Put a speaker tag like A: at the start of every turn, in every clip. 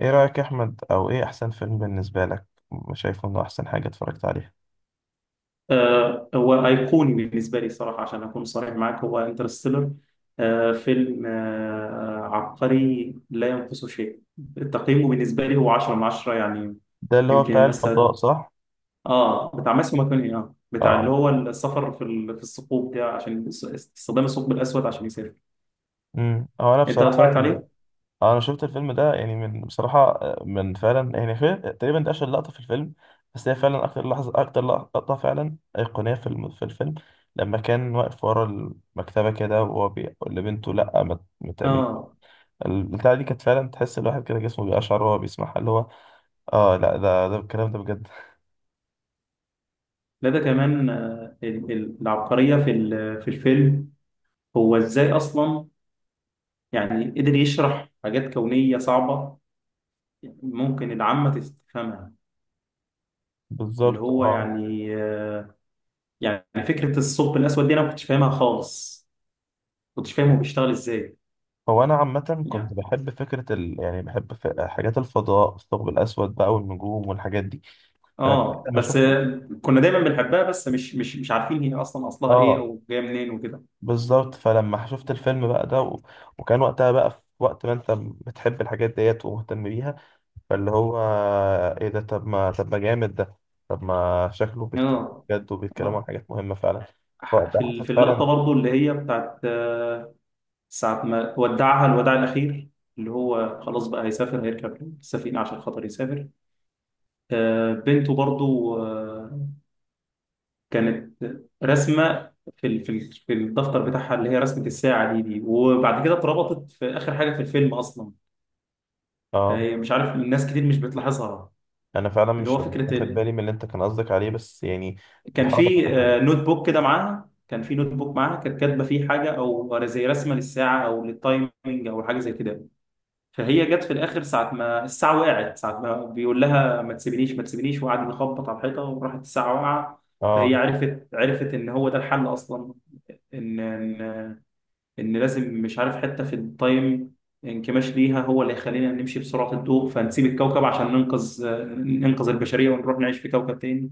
A: ايه رأيك يا احمد او ايه احسن فيلم بالنسبة لك؟ شايفه انه احسن حاجة اتفرجت عليها؟
B: هو أيقوني بالنسبة لي صراحة عشان أكون صريح معك هو انترستيلر. فيلم عبقري لا ينقصه شيء. تقييمه بالنسبة لي هو 10 من 10 يعني.
A: ده اللي هو
B: يمكن
A: بتاع
B: الناس
A: الفضاء
B: هت...
A: صح؟
B: اه، بتاع ماسيو ماكوني، اه بتاع اللي
A: اه،
B: هو السفر في الثقوب ده عشان استخدام الثقب الأسود عشان يسافر.
A: هو انا
B: أنت
A: بصراحة.
B: اتفرجت عليه؟
A: انا شفت الفيلم ده يعني من بصراحة، من فعلا يعني في تقريبا ده اشهر لقطة في الفيلم. بس هي فعلا اكتر لحظة اكتر لقطة فعلا أيقونية في الفيلم، لما كان واقف ورا المكتبة كده وهو بيقول لبنته لا ما تعملي
B: اه،
A: البتاعة دي. كانت فعلا تحس الواحد كده جسمه بيقشعر وهو بيسمعها اللي هو. اه لا، ده الكلام ده بجد.
B: لا ده كمان العبقرية في الفيلم، هو إزاي أصلا يعني قدر يشرح حاجات كونية صعبة ممكن العامة تفهمها. اللي
A: بالظبط
B: هو
A: اه.
B: يعني يعني فكرة الثقب الأسود دي أنا ما كنتش فاهمها خالص، ما كنتش فاهم هو بيشتغل إزاي
A: هو انا عامه كنت
B: يعني.
A: بحب فكره يعني بحب حاجات الفضاء، الثقب الاسود بقى والنجوم والحاجات دي. فانا
B: آه
A: لما
B: بس
A: شفت.
B: آه، كنا دايما بنحبها بس مش عارفين هي أصلا أصلها إيه
A: اه.
B: أو جاية منين وكده.
A: بالظبط. فلما شفت الفيلم بقى ده. وكان وقتها بقى في وقت ما انت بتحب الحاجات ديت ومهتم بيها. فاللي هو ايه ده؟ طب ما جامد ده. طب ما شكله بيتكلم
B: آه،
A: بجد وبيتكلموا عن
B: آه،
A: حاجات مهمه فعلا. فوقتها حسيت
B: في اللقطة
A: فعلا.
B: برضو اللي هي بتاعت ساعة ما ودعها الوداع الأخير، اللي هو خلاص بقى هيسافر هيركب السفينة عشان خاطر يسافر. بنته برضو كانت رسمه في الدفتر بتاعها اللي هي رسمه الساعه دي وبعد كده اتربطت في اخر حاجه في الفيلم اصلا.
A: اه.
B: فهي مش عارف الناس كتير مش بتلاحظها.
A: انا فعلا
B: اللي
A: مش
B: هو
A: مش
B: فكره
A: واخد
B: ال...
A: بالي من اللي انت كان قصدك عليه، بس يعني
B: كان
A: بحاول
B: في
A: افكر.
B: نوت بوك كده معاها، كان في نوت بوك معاها كانت كاتبه فيه حاجه او زي رسمه للساعه او للتايمنج او حاجه زي كده. فهي جت في الاخر ساعه ما الساعه وقعت ساعه ما بيقول لها ما تسيبنيش ما تسيبنيش وقعد يخبط على الحيطه وراحت الساعه واقعه. فهي
A: اه.
B: عرفت عرفت ان هو ده الحل اصلا، ان ان لازم مش عارف حته في التايم انكماش ليها هو اللي هيخلينا نمشي بسرعه الضوء فنسيب الكوكب عشان ننقذ، ننقذ البشريه ونروح نعيش في كوكب تاني.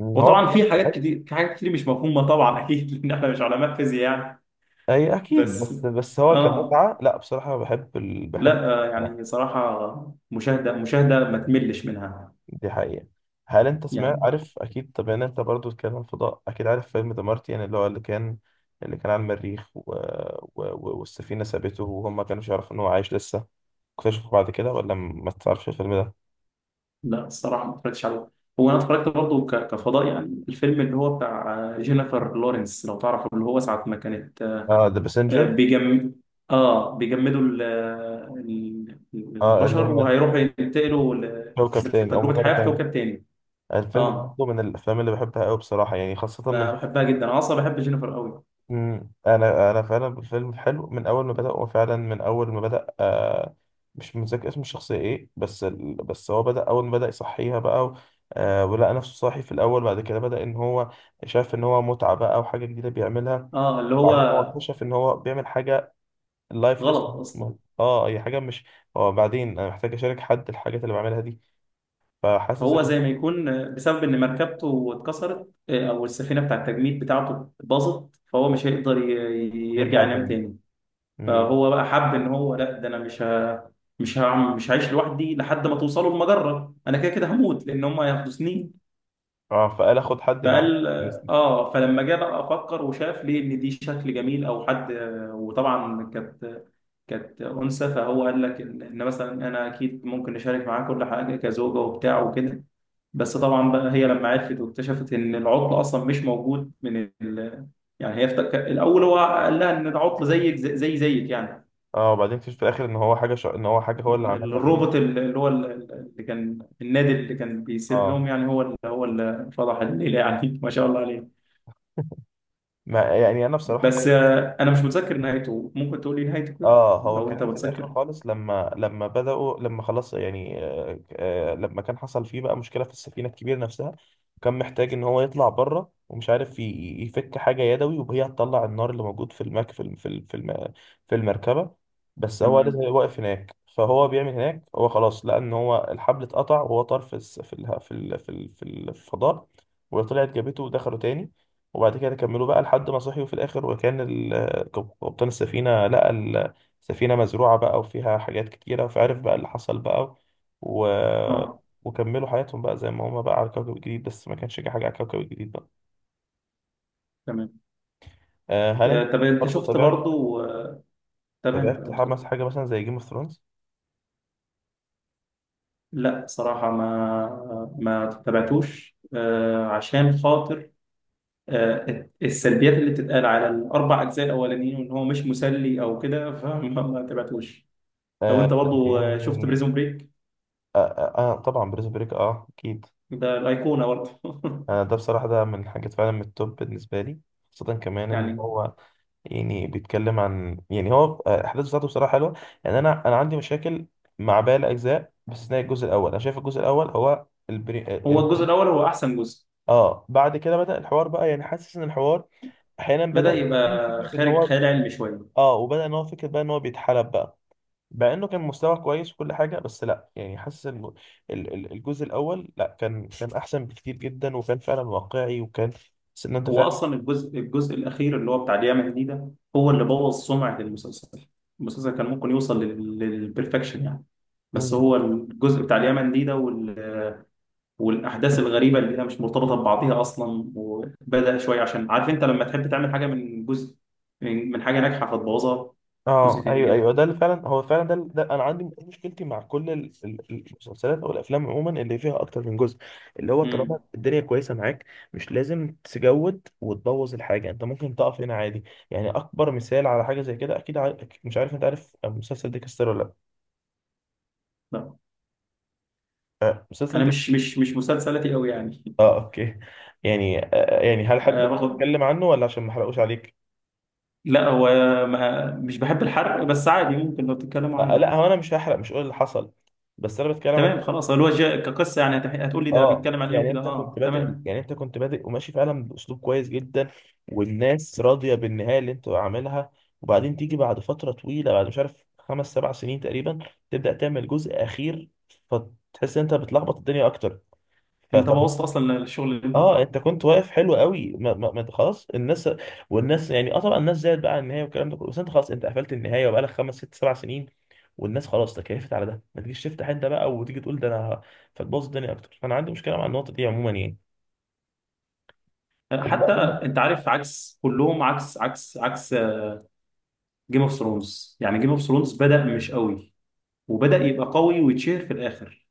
A: هو
B: وطبعا في حاجات كتير، في حاجات كتير مش مفهومه طبعا اكيد لان احنا مش علماء فيزياء يعني.
A: اي اكيد،
B: بس
A: بس هو
B: اه،
A: كمتعه، لا بصراحه بحب بحب
B: لا
A: الفضاء.
B: يعني صراحه مشاهده مشاهده ما تملش منها
A: دي حقيقه. هل انت سمعت،
B: يعني.
A: عارف اكيد، طب يعني انت برضو بتتكلم فضاء، اكيد عارف فيلم ذا مارتيان، اللي هو اللي كان، اللي كان على المريخ والسفينه سابته وهم ما كانوش يعرفوا ان هو عايش لسه، اكتشفوا بعد كده ولا ما تعرفش الفيلم ده؟
B: لا الصراحه ما اتفرجتش عليه. هو انا اتفرجت برضه كفضاء يعني، الفيلم اللي هو بتاع جينيفر لورنس لو تعرفه، اللي هو ساعه ما كانت،
A: اه، ذا
B: آه،
A: باسنجر.
B: بيجم اه بيجمدوا ال-
A: اه اللي
B: البشر
A: هم
B: وهيروحوا ينتقلوا
A: كوكب تاني او
B: لتجربة
A: مجرة
B: حياة في
A: تاني.
B: كوكب تاني.
A: الفيلم ده
B: اه،
A: برضه من الافلام اللي بحبها قوي بصراحه، يعني خاصه من.
B: بحبها جدا، انا اصلا بحب جينيفر قوي.
A: مم. انا فعلا الفيلم حلو من اول ما بدأ، هو فعلا من اول ما بدأ. آه، مش متذكر اسم الشخصية ايه، بس هو بدأ اول ما بدأ يصحيها بقى آه، ولقى نفسه صاحي في الاول. بعد كده بدأ ان هو شاف ان هو متعة بقى وحاجة جديدة بيعملها.
B: اه اللي هو
A: وبعدين هو اكتشف ان هو بيعمل حاجة لايفلس.
B: غلط اصلا.
A: اه، هي حاجة مش. هو بعدين انا محتاج اشارك حد الحاجات اللي بعملها دي. فحاسس
B: هو
A: ان
B: زي ما يكون بسبب ان مركبته اتكسرت، او السفينة بتاع التجميد بتاعته باظت فهو مش هيقدر يرجع
A: يرجع
B: ينام
A: تاني.
B: تاني.
A: مم.
B: فهو بقى حب ان هو لا ده انا مش هعمل، مش هعيش لوحدي لحد ما توصلوا المجرة، انا كده كده هموت لان هم هيحبسوني.
A: اه، فقال اخد حد معاه.
B: فقال، اه فلما جه بقى افكر وشاف ليه ان دي شكل جميل او حد، وطبعا كانت، كانت انثى فهو قال لك ان إن مثلا انا اكيد ممكن نشارك معاه كل حاجه كزوجه وبتاع وكده. بس طبعا بقى هي لما عرفت واكتشفت ان العطل اصلا مش موجود يعني هي الاول هو قال لها ان العطل زيك زي زي زيك يعني.
A: اه وبعدين اكتشف في الاخر ان هو ان هو حاجه هو اللي عملها بايده.
B: الروبوت ال- اللي هو ال- ال- اللي كان النادي اللي كان بيسير لهم،
A: اه.
B: يعني هو اللي، هو اللي فضح الليله يعني ما شاء الله عليه.
A: ما يعني انا بصراحه.
B: بس انا مش متذكر نهايته، ممكن تقول لي نهايته كده
A: اه، هو
B: لو انت
A: كان في الاخر
B: متذكر.
A: خالص، لما بدأوا، لما خلاص يعني، لما كان حصل فيه بقى مشكلة في السفينة الكبيرة نفسها. كان محتاج ان هو يطلع بره ومش عارف يفك حاجة يدوي وهي هتطلع النار اللي موجود في المك في الم- في الم- في الم- في المركبة. بس هو لازم
B: تمام،
A: يبقى واقف هناك، فهو بيعمل هناك. هو خلاص لقى ان هو الحبل اتقطع وهو طار في الس- في اله- في ال- في ال- في الفضاء. وطلعت جابته ودخلوا تاني. وبعد كده كملوا بقى لحد ما صحيوا في الاخر، كابتن السفينة لقى سفينة مزروعة بقى وفيها حاجات كتيرة، فعرف بقى اللي حصل بقى و...
B: اه
A: وكملوا حياتهم بقى زي ما هما بقى على كوكب الجليد، بس ما كانش جه حاجة على كوكب الجليد بقى.
B: تمام.
A: آه. هل انت
B: طب انت
A: برضه
B: شفت
A: تابعت،
B: برضو تمام
A: تابعت
B: تمام اتفضل.
A: حماس حاجة مثلا زي جيم اوف ثرونز؟
B: لا صراحة ما تابعتوش عشان خاطر السلبيات اللي بتتقال على الاربع اجزاء الاولانيين، وان هو مش مسلي او كده ما تابعتوش. لو
A: آه
B: انت برضو شفت
A: يعني،
B: بريزون بريك،
A: طبعا بريز بريك اه اكيد.
B: ده الايقونة برضو
A: آه، ده بصراحة ده من الحاجات فعلا من التوب بالنسبة لي، خاصة كمان ان
B: يعني.
A: هو يعني بيتكلم عن، يعني هو الاحداث بتاعته بصراحه حلوه. يعني انا عندي مشاكل مع باقي الاجزاء باستثناء الجزء الاول. انا شايف الجزء الاول هو
B: هو الجزء الاول هو احسن جزء،
A: اه. بعد كده بدأ الحوار بقى، يعني حاسس ان الحوار احيانا بدأ
B: بدأ يبقى
A: يبقى فيه فكره ان
B: خارج
A: هو،
B: خيال علمي شوية.
A: اه، وبدأ ان هو فكره بقى ان هو بيتحلب بقى. مع انه كان مستوى كويس وكل حاجه، بس لا يعني حاسس ان الجزء الاول، لا كان كان احسن بكتير جدا وكان فعلا واقعي وكان حاسس ان انت
B: هو
A: فعلا.
B: اصلا الجزء الاخير اللي هو بتاع اليمن دي، ده هو اللي بوظ سمعه المسلسل. المسلسل كان ممكن يوصل للبرفكشن يعني. بس
A: إمم،
B: هو الجزء بتاع اليمن دي ده والاحداث الغريبه اللي هي مش مرتبطه ببعضها اصلا، وبدا شويه عشان عارف انت لما تحب تعمل حاجه من جزء، من حاجه ناجحه فتبوظها. جزء
A: اه
B: تاني
A: ايوه ايوه،
B: كده.
A: ده اللي فعلا هو فعلا ده، ده انا عندي دي مشكلتي مع كل المسلسلات او الافلام عموما اللي فيها اكتر من جزء. اللي هو
B: امم،
A: طالما الدنيا كويسه معاك، مش لازم تجود وتبوظ الحاجه. انت ممكن تقف هنا عادي. يعني اكبر مثال على حاجه زي كده، اكيد عارف، مش عارف انت عارف مسلسل ديكستر ولا لا؟
B: لا
A: آه، مسلسل
B: انا
A: ديك.
B: مش مسلسلاتي قوي يعني.
A: اه اوكي. يعني آه، يعني هل
B: آه،
A: حابب
B: رغم
A: اتكلم عنه ولا عشان ما احرقوش عليك؟
B: لا هو ما مش بحب الحرق بس عادي ممكن لو تتكلموا
A: آه
B: عادي.
A: لا، هو انا مش هحرق، مش هقول اللي حصل، بس انا بتكلم عن.
B: تمام خلاص، هو الوجه كقصه يعني هتقول لي ده
A: اه.
B: بيتكلم عن ايه
A: يعني
B: وكده،
A: انت كنت
B: اه
A: بادئ،
B: تمام.
A: يعني انت كنت بادئ وماشي فعلا باسلوب كويس جدا، والناس راضيه بالنهايه اللي انت عاملها. وبعدين تيجي بعد فتره طويله، بعد مش عارف خمس سبع سنين تقريبا، تبدا تعمل جزء اخير، فتحس ان انت بتلخبط الدنيا اكتر.
B: انت
A: فطب.
B: بوظت اصلا الشغل اللي انت
A: اه،
B: عملته.
A: انت كنت واقف حلو قوي، ما انت خلاص الناس، والناس يعني، اه طبعا الناس زعلت بقى على النهايه والكلام ده كله، بس انت خلاص انت قفلت النهايه وبقالك خمس ست سبع سنين والناس خلاص تكيفت على ده. ما تجيش تفتح انت بقى وتيجي تقول ده انا فتبوظ الدنيا اكتر. فانا عندي مشكله مع النقطه دي عموما يعني. ومع
B: حتى
A: إن-
B: انت عارف عكس كلهم، عكس جيم اوف ثرونز. يعني جيم اوف ثرونز بدأ مش قوي، وبدأ يبقى قوي ويتشهر في الاخر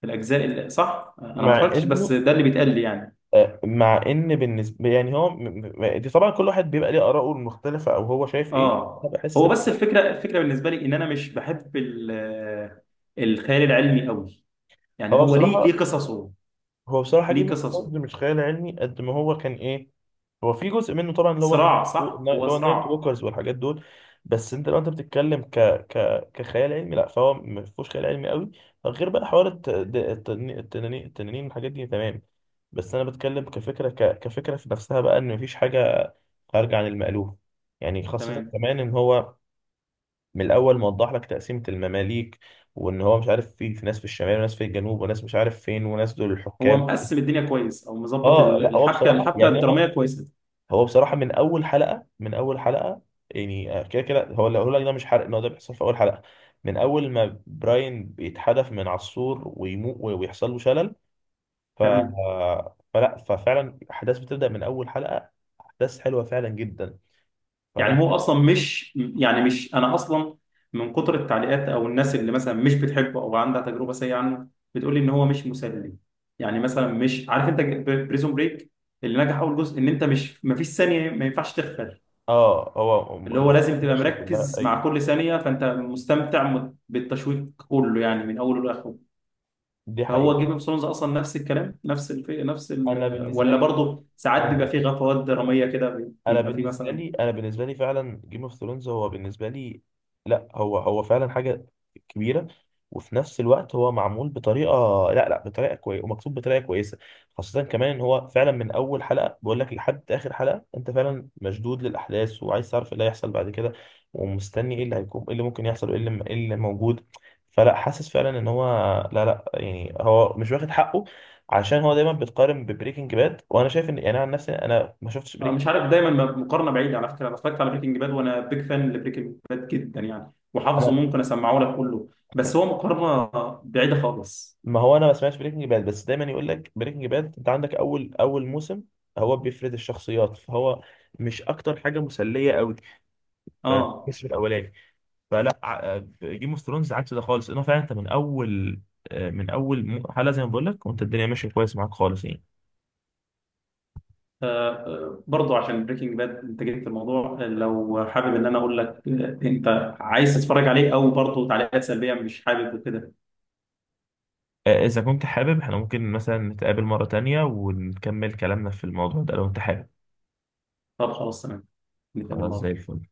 B: في الاجزاء اللي صح. انا ما
A: مع
B: اتفرجتش بس
A: انه،
B: ده اللي بيتقال لي يعني.
A: مع ان بالنسبه يعني دي طبعا كل واحد بيبقى ليه اراءه المختلفه او هو شايف ايه. انا
B: اه هو بس الفكره، الفكره بالنسبه لي ان انا مش بحب الخيال العلمي قوي، يعني
A: هو
B: هو ليه، ليه
A: بصراحه،
B: قصصه،
A: هو بصراحة جيم
B: ليه
A: اوف
B: قصصه
A: ثرونز مش خيال علمي قد ما هو كان ايه. هو في جزء منه طبعا اللي هو،
B: صراع. صح هو
A: اللي هو النايت
B: صراع.
A: ووكرز والحاجات دول. بس انت لو انت بتتكلم ك ك كخيال علمي، لا، فهو ما فيهوش خيال علمي قوي غير بقى حوار الت- د- التنين التنانين التنانين والحاجات دي، تمام. بس انا بتكلم كفكرة، كفكرة في نفسها بقى، ان مفيش حاجة خارجة عن المألوف. يعني خاصة
B: تمام.
A: كمان ان هو من الاول موضح لك تقسيمة المماليك، وان هو مش عارف في ناس في الشمال وناس في الجنوب وناس مش عارف فين وناس دول
B: هو
A: الحكام.
B: مقسم الدنيا كويس، او مظبط
A: اه لا هو
B: الحبكه،
A: بصراحه
B: الحبكه
A: يعني انا،
B: الدراميه كويسه.
A: هو بصراحه من اول حلقه، يعني آه، كده كده هو اللي هقول لك ده مش حرق ان هو ده بيحصل في اول حلقه، من اول ما براين بيتحدف من على السور ويموت ويحصل له شلل. ف...
B: تمام.
A: فلا، ففعلا الاحداث بتبدا من اول حلقه، احداث حلوه فعلا جدا. فانا.
B: يعني هو اصلا مش يعني مش انا اصلا من كتر التعليقات او الناس اللي مثلا مش بتحبه او عندها تجربه سيئه عنه بتقول لي ان هو مش مسلي. يعني مثلا مش عارف انت، بريزون بريك اللي نجح اول جزء، ان انت مش، ما فيش ثانيه ما ينفعش تغفل،
A: اه هو
B: اللي هو لازم تبقى
A: ماشي كلها
B: مركز
A: اي.
B: مع كل ثانيه فانت مستمتع بالتشويق كله يعني من اوله لاخره.
A: دي
B: هو
A: حقيقه.
B: جيم اوف ثرونز اصلا نفس الكلام، نفس الف... نفس
A: انا
B: ال...
A: بالنسبه
B: ولا
A: لي جيم
B: برضه ساعات بيبقى
A: اوف
B: فيه غفوات دراميه كده، بيبقى فيه مثلا؟
A: انا بالنسبه لي فعلا جيم اوف ثرونز هو بالنسبه لي. لا، هو هو فعلا حاجه كبيره، وفي نفس الوقت هو معمول بطريقه، لا بطريقه كويسه ومكتوب بطريقه كويسه. خاصه كمان ان هو فعلا من اول حلقه بقول لك لحد اخر حلقه، انت فعلا مشدود للاحداث وعايز تعرف ايه اللي هيحصل بعد كده، ومستني ايه اللي هيكون، ايه اللي ممكن يحصل، وايه اللي ايه اللي موجود. فلا حاسس فعلا ان هو، لا يعني هو مش واخد حقه، عشان هو دايما بيتقارن ببريكنج باد. وانا شايف ان يعني انا عن نفسي انا ما شفتش
B: أنا
A: بريكنج.
B: مش عارف دايما، مقارنه بعيده على فكره، انا اتفرجت على بريكنج باد وانا بيج فان لبريكنج باد جدا يعني، وحافظه ممكن اسمعه لك كله. بس هو مقارنه بعيده خالص.
A: ما هو انا ما سمعتش بريكنج باد، بس دايما يقول لك بريكنج باد انت عندك اول موسم، هو بيفرد الشخصيات، فهو مش اكتر حاجه مسليه قوي
B: اه.
A: الكسر الاولاني. فلا جيم اوف ثرونز عكس ده خالص، انه فعلا انت من اول، آه، من اول حلقه، زي ما بقول لك، وانت الدنيا ماشيه كويس معاك خالص يعني.
B: آه. برضه عشان بريكنج باد انت جبت الموضوع، لو حابب ان انا اقول لك انت عايز تتفرج عليه او برضه تعليقات سلبيه مش حابب وكده.
A: آه، اذا كنت حابب احنا ممكن مثلا نتقابل مره تانية ونكمل كلامنا في الموضوع ده لو انت حابب.
B: طب خلاص تمام، نتقابل
A: خلاص زي
B: مرة.
A: الفل.